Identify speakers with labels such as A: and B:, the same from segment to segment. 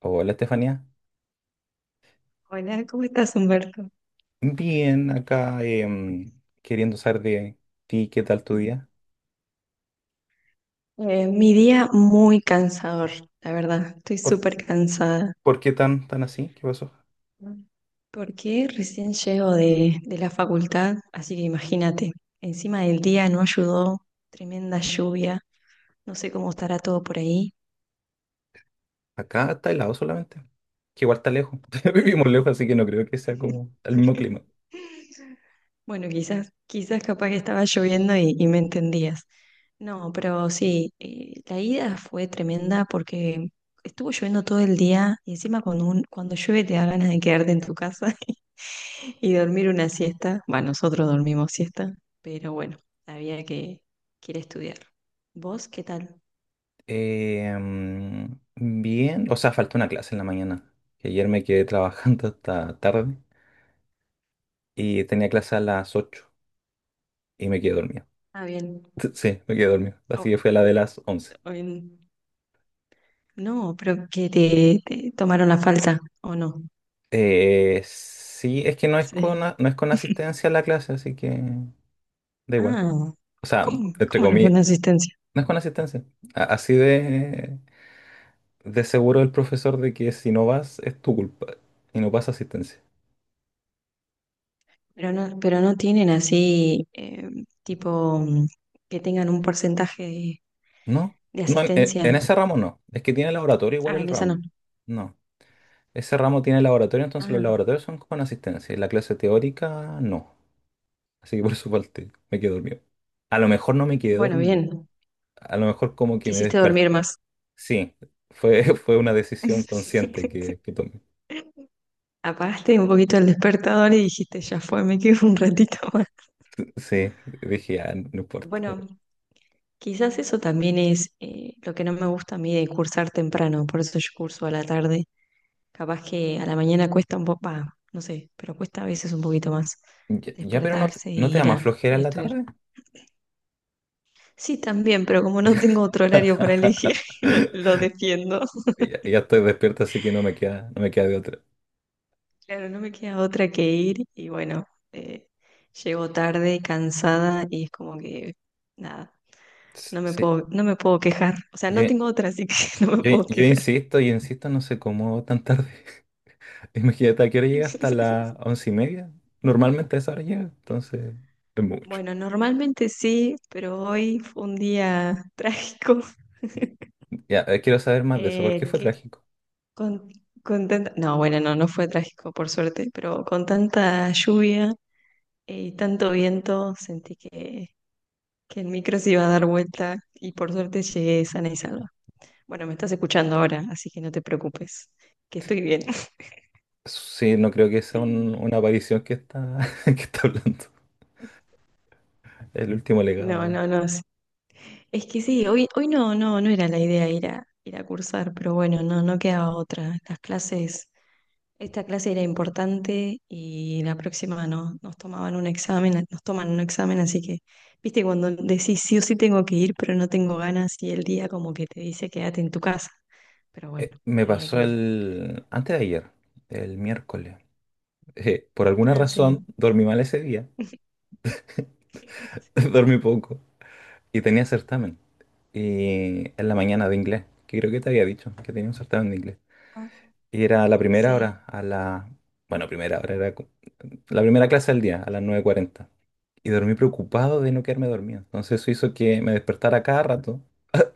A: Hola Estefanía,
B: Hola, ¿cómo estás, Humberto?
A: bien acá queriendo saber de ti, ¿qué tal tu día?
B: Mi día muy cansador, la verdad. Estoy
A: ¿Por,
B: súper cansada
A: ¿Por qué tan así? ¿Qué pasó?
B: porque recién llego de la facultad, así que imagínate, encima del día no ayudó, tremenda lluvia, no sé cómo estará todo por ahí.
A: Acá está helado solamente, que igual está lejos, vivimos lejos, así que no creo que sea como el mismo clima.
B: Bueno, quizás, quizás capaz que estaba lloviendo y me entendías. No, pero sí, la ida fue tremenda porque estuvo lloviendo todo el día y encima cuando llueve te da ganas de quedarte en tu casa y dormir una siesta. Bueno, nosotros dormimos siesta, pero bueno, había que, que ir a estudiar. ¿Vos qué tal?
A: Bien, o sea, faltó una clase en la mañana, que ayer me quedé trabajando hasta tarde y tenía clase a las 8 y me quedé dormido.
B: Ah, bien.
A: Sí, me quedé dormido, así
B: Oh,
A: que fue a la de las once.
B: oh, bien. No, pero que te tomaron la falta, ¿o no?
A: Sí, es que
B: Sí.
A: no es con asistencia a la clase, así que... Da igual.
B: Ah,
A: O sea, entre
B: cómo no
A: comillas,
B: con asistencia?
A: no es con asistencia. Así de seguro el profesor de que si no vas es tu culpa y no pasa asistencia.
B: Pero no tienen así, tipo, que tengan un porcentaje
A: No,
B: de
A: no, en
B: asistencia.
A: ese ramo no. Es que tiene laboratorio igual
B: Ah,
A: el
B: en esa no.
A: ramo. No, ese ramo tiene laboratorio, entonces los
B: Ah,
A: laboratorios son con asistencia y la clase teórica no. Así que por eso falté, me quedé dormido. A lo mejor no me quedé
B: bueno,
A: dormido.
B: bien.
A: A lo mejor como que me
B: Quisiste
A: desperté.
B: dormir más.
A: Sí, fue, fue una decisión consciente que tomé.
B: Apagaste un poquito el despertador y dijiste, ya fue, me quedo un ratito más.
A: Sí, dije, ah, no importa.
B: Bueno, quizás eso también es lo que no me gusta a mí de cursar temprano, por eso yo curso a la tarde. Capaz que a la mañana cuesta un poco, va, no sé, pero cuesta a veces un poquito más
A: Ya, ya, pero
B: despertarse e
A: ¿no te da
B: ir
A: más flojera
B: ir a
A: en la
B: estudiar.
A: tarde?
B: Sí, también, pero como no tengo otro horario para elegir, lo defiendo.
A: Ya, ya estoy despierto, así que no me queda de otra.
B: Claro, no me queda otra que ir y bueno, eh, llego tarde, cansada y es como que, nada,
A: Sí,
B: no me puedo quejar. O sea,
A: yo,
B: no tengo otra, así que no me puedo quejar.
A: yo insisto, no sé cómo tan tarde. Imagínate, ¿a qué hora llega? Hasta las once y media. Normalmente a esa hora llega, entonces es mucho.
B: Bueno, normalmente sí, pero hoy fue un día trágico.
A: Ya, quiero saber más de eso, ¿por qué fue
B: ¿Qué
A: trágico?
B: Con, con tanta- No, bueno, no, no fue trágico, por suerte, pero con tanta lluvia y tanto viento sentí que el micro se iba a dar vuelta y por suerte llegué sana y salva. Bueno, me estás escuchando ahora, así que no te preocupes, que estoy bien.
A: Sí, no creo que sea una aparición que está, que está hablando. El último legado
B: No,
A: de...
B: no, no. Es que sí, hoy no era la idea ir ir a cursar, pero bueno, no, no quedaba otra. Las clases Esta clase era importante y la próxima no, nos tomaban un examen, nos toman un examen, así que, viste, cuando decís sí o sí tengo que ir, pero no tengo ganas y el día como que te dice quédate en tu casa. Pero bueno,
A: Me
B: había que
A: pasó
B: ir.
A: el... antes de ayer, el miércoles. Por alguna
B: Ah,
A: razón
B: sí.
A: dormí mal ese día, dormí poco y tenía certamen. Y en la mañana de inglés, que creo que te había dicho que tenía un certamen de inglés.
B: Ah,
A: Y era la primera
B: sí.
A: hora, a la... Bueno, primera hora era co- la primera clase del día, a las nueve cuarenta. Y dormí preocupado de no quedarme dormido. Entonces eso hizo que me despertara cada rato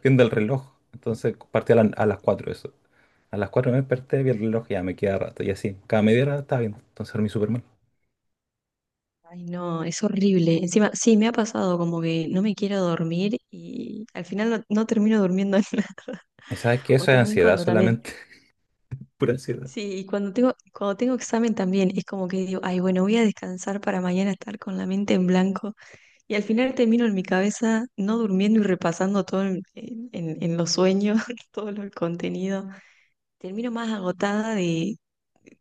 A: viendo el reloj. Entonces partí a las 4 eso. A las 4 me desperté, vi el reloj y ya me queda rato. Y así, cada media hora estaba viendo. Entonces dormí súper mal.
B: Ay, no, es horrible. Encima, sí, me ha pasado como que no me quiero dormir y al final no, no termino durmiendo nada.
A: Y sabes que
B: O
A: eso es
B: también
A: ansiedad
B: cuando también
A: solamente. Pura ansiedad.
B: Sí, y cuando tengo examen también es como que digo, ay, bueno, voy a descansar para mañana estar con la mente en blanco. Y al final termino en mi cabeza no durmiendo y repasando todo en los sueños, el contenido. Termino más agotada de,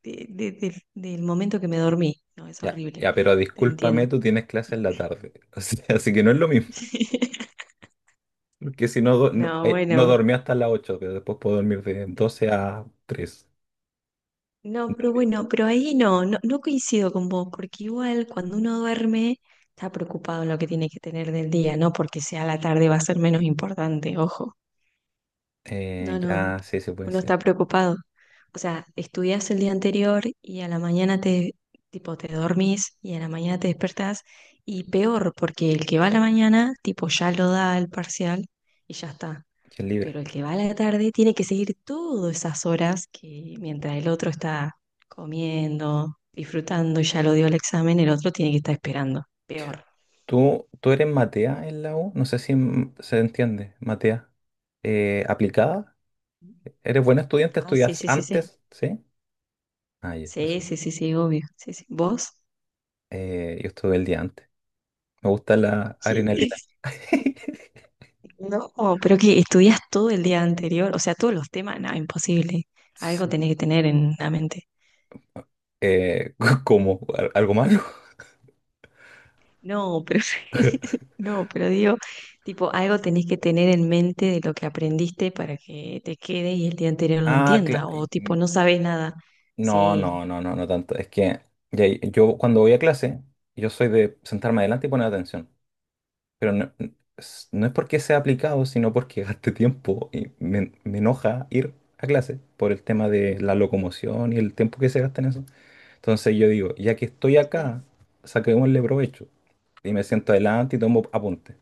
B: de- de- de- del momento que me dormí. No, es
A: Ya,
B: horrible,
A: ya, pero
B: te entiendo.
A: discúlpame, tú tienes clase en la tarde. O sea, así que no es lo mismo. Porque si no,
B: No,
A: no
B: bueno.
A: dormí hasta las 8, pero después puedo dormir de doce a tres.
B: No, pero bueno, pero ahí no coincido con vos, porque igual cuando uno duerme está preocupado en lo que tiene que tener del día, no porque sea la tarde va a ser menos importante, ojo. No, no,
A: Ya, sí, sí puede
B: uno está
A: ser.
B: preocupado. O sea, estudias el día anterior y a la mañana te, tipo, te dormís y a la mañana te despertás y peor, porque el que va a la mañana, tipo, ya lo da el parcial y ya está.
A: Que es libre.
B: Pero el que va a la tarde tiene que seguir todas esas horas que mientras el otro está comiendo, disfrutando y ya lo dio el examen, el otro tiene que estar esperando. Peor.
A: Tú eres Matea en la U? No sé si se entiende. Matea. ¿Aplicada? ¿Eres buena estudiante?
B: Ah, sí,
A: ¿Estudias
B: sí, sí, sí.
A: antes? ¿Sí? Ah, ya,
B: Sí,
A: eso.
B: sí, sí, sí, obvio. Sí, sí. ¿Vos?
A: Yo estuve el día antes. Me gusta la
B: Sí.
A: adrenalina.
B: No, pero que estudias todo el día anterior, o sea, todos los temas, no, imposible. Algo
A: Sí.
B: tenés que tener en la mente.
A: Eh, ¿Cómo? Algo malo?
B: No, pero no, pero digo, tipo, algo tenés que tener en mente de lo que aprendiste para que te quede y el día anterior lo
A: Ah, claro.
B: entienda, o tipo, no sabes nada.
A: No,
B: Sí.
A: no, no, no, no tanto. Es que yo cuando voy a clase, yo soy de sentarme adelante y poner atención. Pero no, es no es porque sea aplicado, sino porque gaste tiempo y me enoja ir a clase por el tema de la locomoción y el tiempo que se gasta en eso. Entonces yo digo, ya que estoy acá, saquémosle provecho. Y me siento adelante y tomo apuntes.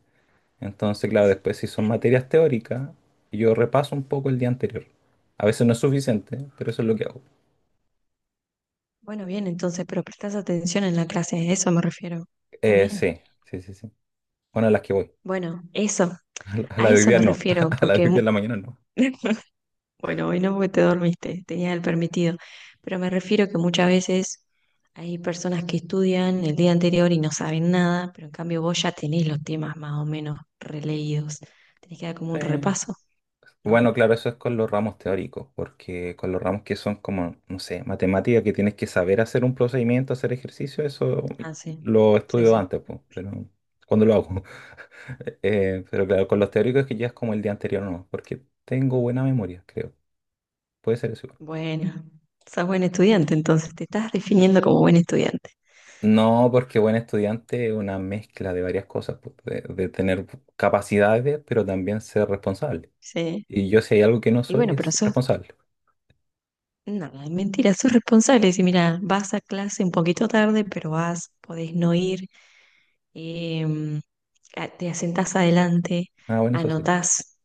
A: Entonces, claro, después si son materias teóricas, yo repaso un poco el día anterior. A veces no es suficiente, pero eso es lo que hago.
B: Bueno, bien, entonces, pero prestás atención en la clase, a eso me refiero. ¿Está bien?
A: Sí, sí, sí, sí. Bueno, a las que voy.
B: Bueno, eso,
A: A la
B: a
A: de hoy
B: eso
A: día
B: me
A: no.
B: refiero,
A: A la de hoy día en la mañana no.
B: Bueno, hoy no porque te dormiste, tenías el permitido. Pero me refiero que muchas veces hay personas que estudian el día anterior y no saben nada, pero en cambio vos ya tenés los temas más o menos releídos. Tenés que dar como un
A: Sí.
B: repaso, ¿no?
A: Bueno, claro, eso es con los ramos teóricos, porque con los ramos que son como, no sé, matemática, que tienes que saber hacer un procedimiento, hacer ejercicio, eso
B: Ah, sí.
A: lo
B: Sí,
A: estudio
B: sí.
A: antes, pues, pero cuando lo hago. Pero claro, con los teóricos que ya es como el día anterior, no, porque tengo buena memoria, creo. Puede ser eso. Igual.
B: Bueno, sos buen estudiante, entonces te estás definiendo como buen estudiante.
A: No, porque buen estudiante es una mezcla de varias cosas, pues, de tener capacidades, pero también ser responsable.
B: Sí.
A: Y yo si hay algo que no
B: Y
A: soy
B: bueno, pero
A: es
B: sos,
A: responsable.
B: no, es mentira, sos responsable. Decir, mira, vas a clase un poquito tarde, pero vas, podés no ir em, te asentás adelante,
A: Ah, bueno, eso sí.
B: anotás,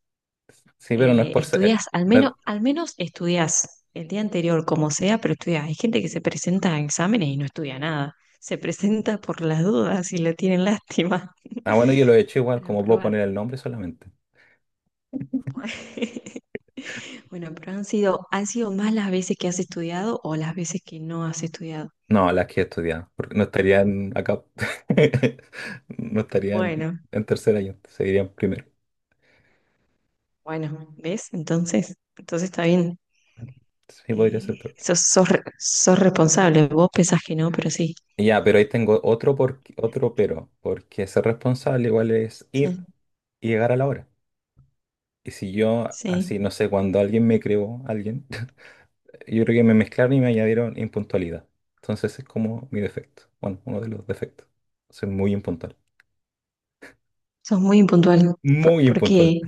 A: Sí, pero no es por ser...
B: estudias,
A: no es-
B: al menos estudias el día anterior, como sea, pero estudias. Hay gente que se presenta a exámenes y no estudia nada, se presenta por las dudas y le tienen lástima
A: Ah, bueno, yo lo he hecho igual,
B: para
A: como puedo
B: probar.
A: poner el nombre solamente.
B: Bueno, pero han sido más las veces que has estudiado o las veces que no has estudiado.
A: No, las que he estudiado, porque no estarían acá. No estarían
B: Bueno,
A: en tercer año, seguirían primero.
B: bueno, ¿ves? Entonces, entonces está bien.
A: Sí, podría ser peor.
B: Sos responsable. Vos pensás que no, pero sí.
A: Y ya, pero ahí tengo otro, por... otro pero, porque ser responsable igual es ir
B: Sí,
A: y llegar a la hora. Y si yo,
B: sí,
A: así, no sé, cuando alguien me creó, alguien... Yo creo que me mezclaron y me añadieron impuntualidad. Entonces es como mi defecto. Bueno, uno de los defectos. Soy muy impuntual.
B: sos muy impuntual
A: Muy impuntual.
B: porque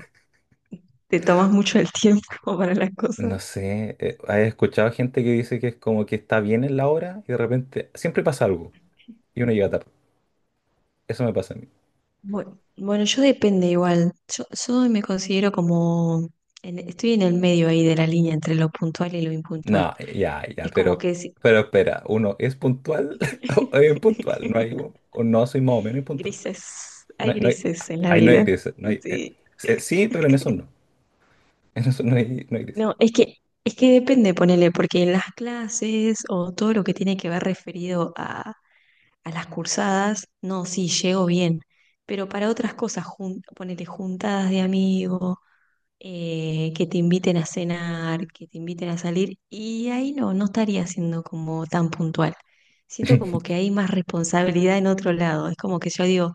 B: te tomas mucho el tiempo para las cosas.
A: No sé, ¿has escuchado gente que dice que es como que está bien en la hora y de repente siempre pasa algo y uno llega tarde? Eso me pasa a mí.
B: Bueno, bueno, yo depende igual. Yo me considero como, estoy en el medio ahí de la línea entre lo puntual y lo impuntual.
A: No, ya, ya,
B: Es como que si-
A: pero espera, ¿uno es puntual o es impuntual? No hay, o no soy más o menos impuntual.
B: Grises,
A: No,
B: hay
A: no hay,
B: grises en la
A: ahí no hay
B: vida.
A: gris, no hay,
B: Sí.
A: sí, pero en eso no. En eso no hay, no hay gris.
B: No, es que, Es que depende, ponele, porque en las clases o todo lo que tiene que ver referido a las cursadas, no, sí, llego bien, pero para otras cosas, jun ponele juntadas de amigos, que te inviten a cenar, que te inviten a salir, y ahí no, no estaría siendo como tan puntual. Siento como que hay más responsabilidad en otro lado, es como que yo digo,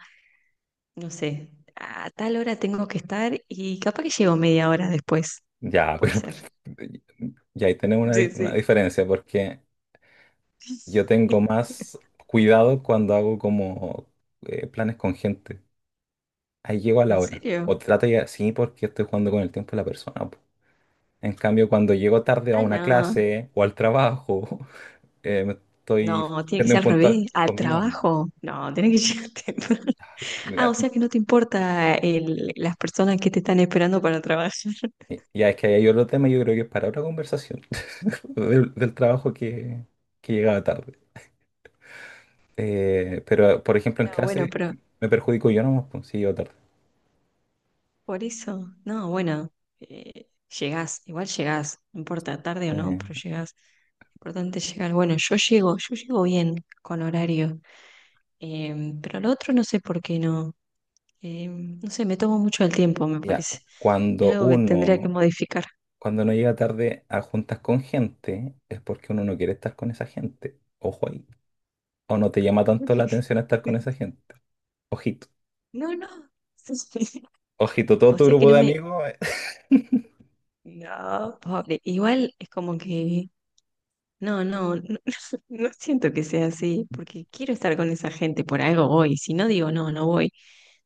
B: no sé, a tal hora tengo que estar y capaz que llego media hora después,
A: Ya,
B: puede
A: pero
B: ser.
A: y ahí tenemos una,
B: Sí,
A: una
B: sí.
A: diferencia porque yo tengo más cuidado cuando hago como planes con gente. Ahí llego a la
B: ¿En
A: hora.
B: serio?
A: O trato ya, sí, porque estoy jugando con el tiempo de la persona. Po. En cambio, cuando llego tarde a
B: Ah,
A: una
B: no.
A: clase o al trabajo, me estoy
B: No, tiene que
A: siendo
B: ser al
A: impuntual
B: revés, al
A: conmigo. Mismo.
B: trabajo. No, tiene que llegar temprano. Ah, o
A: Mira,
B: sea que no te importa el, las personas que te están esperando para trabajar.
A: ya es que hay otro tema, yo creo que es para otra conversación del trabajo que llegaba tarde. Pero, por ejemplo, en
B: No, bueno,
A: clase
B: pero
A: me perjudico yo nomás, pues, si llego tarde.
B: por eso, no, bueno, eh, llegás, igual llegás, no importa tarde o no, pero
A: Eh,
B: llegás. Importante llegar. Bueno, yo llego bien con horario, pero lo otro no sé por qué no. No sé, me tomo mucho el tiempo, me
A: Ya,
B: parece. Es
A: cuando
B: algo que tendría que
A: uno,
B: modificar.
A: cuando no llega tarde a juntas con gente, es porque uno no quiere estar con esa gente. Ojo ahí. O no te llama tanto la atención estar con esa gente. Ojito.
B: No, no.
A: Ojito, todo
B: O
A: tu
B: sea que
A: grupo
B: no
A: de
B: me...
A: amigos. Eh,
B: No, pobre. Igual es como que... No, no, no, no siento que sea así, porque quiero estar con esa gente, por algo voy. Si no digo no, no voy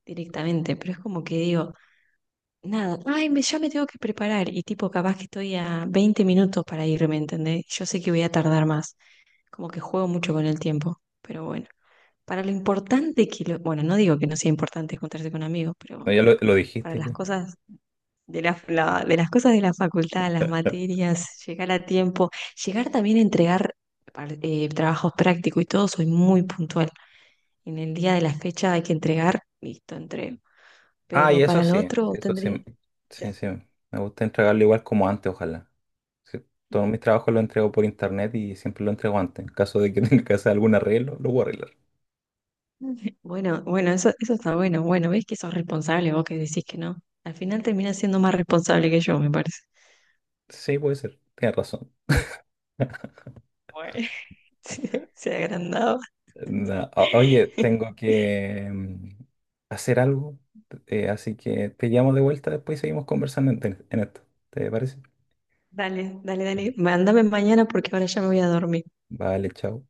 B: directamente, pero es como que digo, nada, ay, me, ya me tengo que preparar y tipo, capaz que estoy a 20 minutos para irme, ¿entendés? Yo sé que voy a tardar más, como que juego mucho con el tiempo, pero bueno, para lo importante que lo... Bueno, no digo que no sea importante encontrarse con amigos, pero
A: no, ya lo
B: para
A: dijiste
B: las
A: ya.
B: cosas de las cosas de la facultad, las materias, llegar a tiempo, llegar también a entregar trabajos prácticos y todo, soy muy puntual. En el día de la fecha hay que entregar, listo, entrego.
A: Ah, y
B: Pero para lo otro
A: eso sí.
B: tendría... sí.
A: Sí, sí. Me gusta entregarlo igual como antes, ojalá. Sí, todos mis trabajos los entrego por internet y siempre lo entrego antes. En caso de que tenga que hacer algún arreglo, lo voy a arreglar.
B: Bueno, bueno, eso está bueno. Bueno, ves que sos responsable vos que decís que no. Al final terminás siendo más responsable que yo, me parece.
A: Sí, puede ser. Tienes razón.
B: Bueno, se agrandaba.
A: No, oye, tengo que hacer algo, así que te llamo de vuelta después y seguimos conversando en esto. ¿Te parece?
B: Dale, dale, dale. Mándame mañana porque ahora ya me voy a dormir.
A: Vale, chao.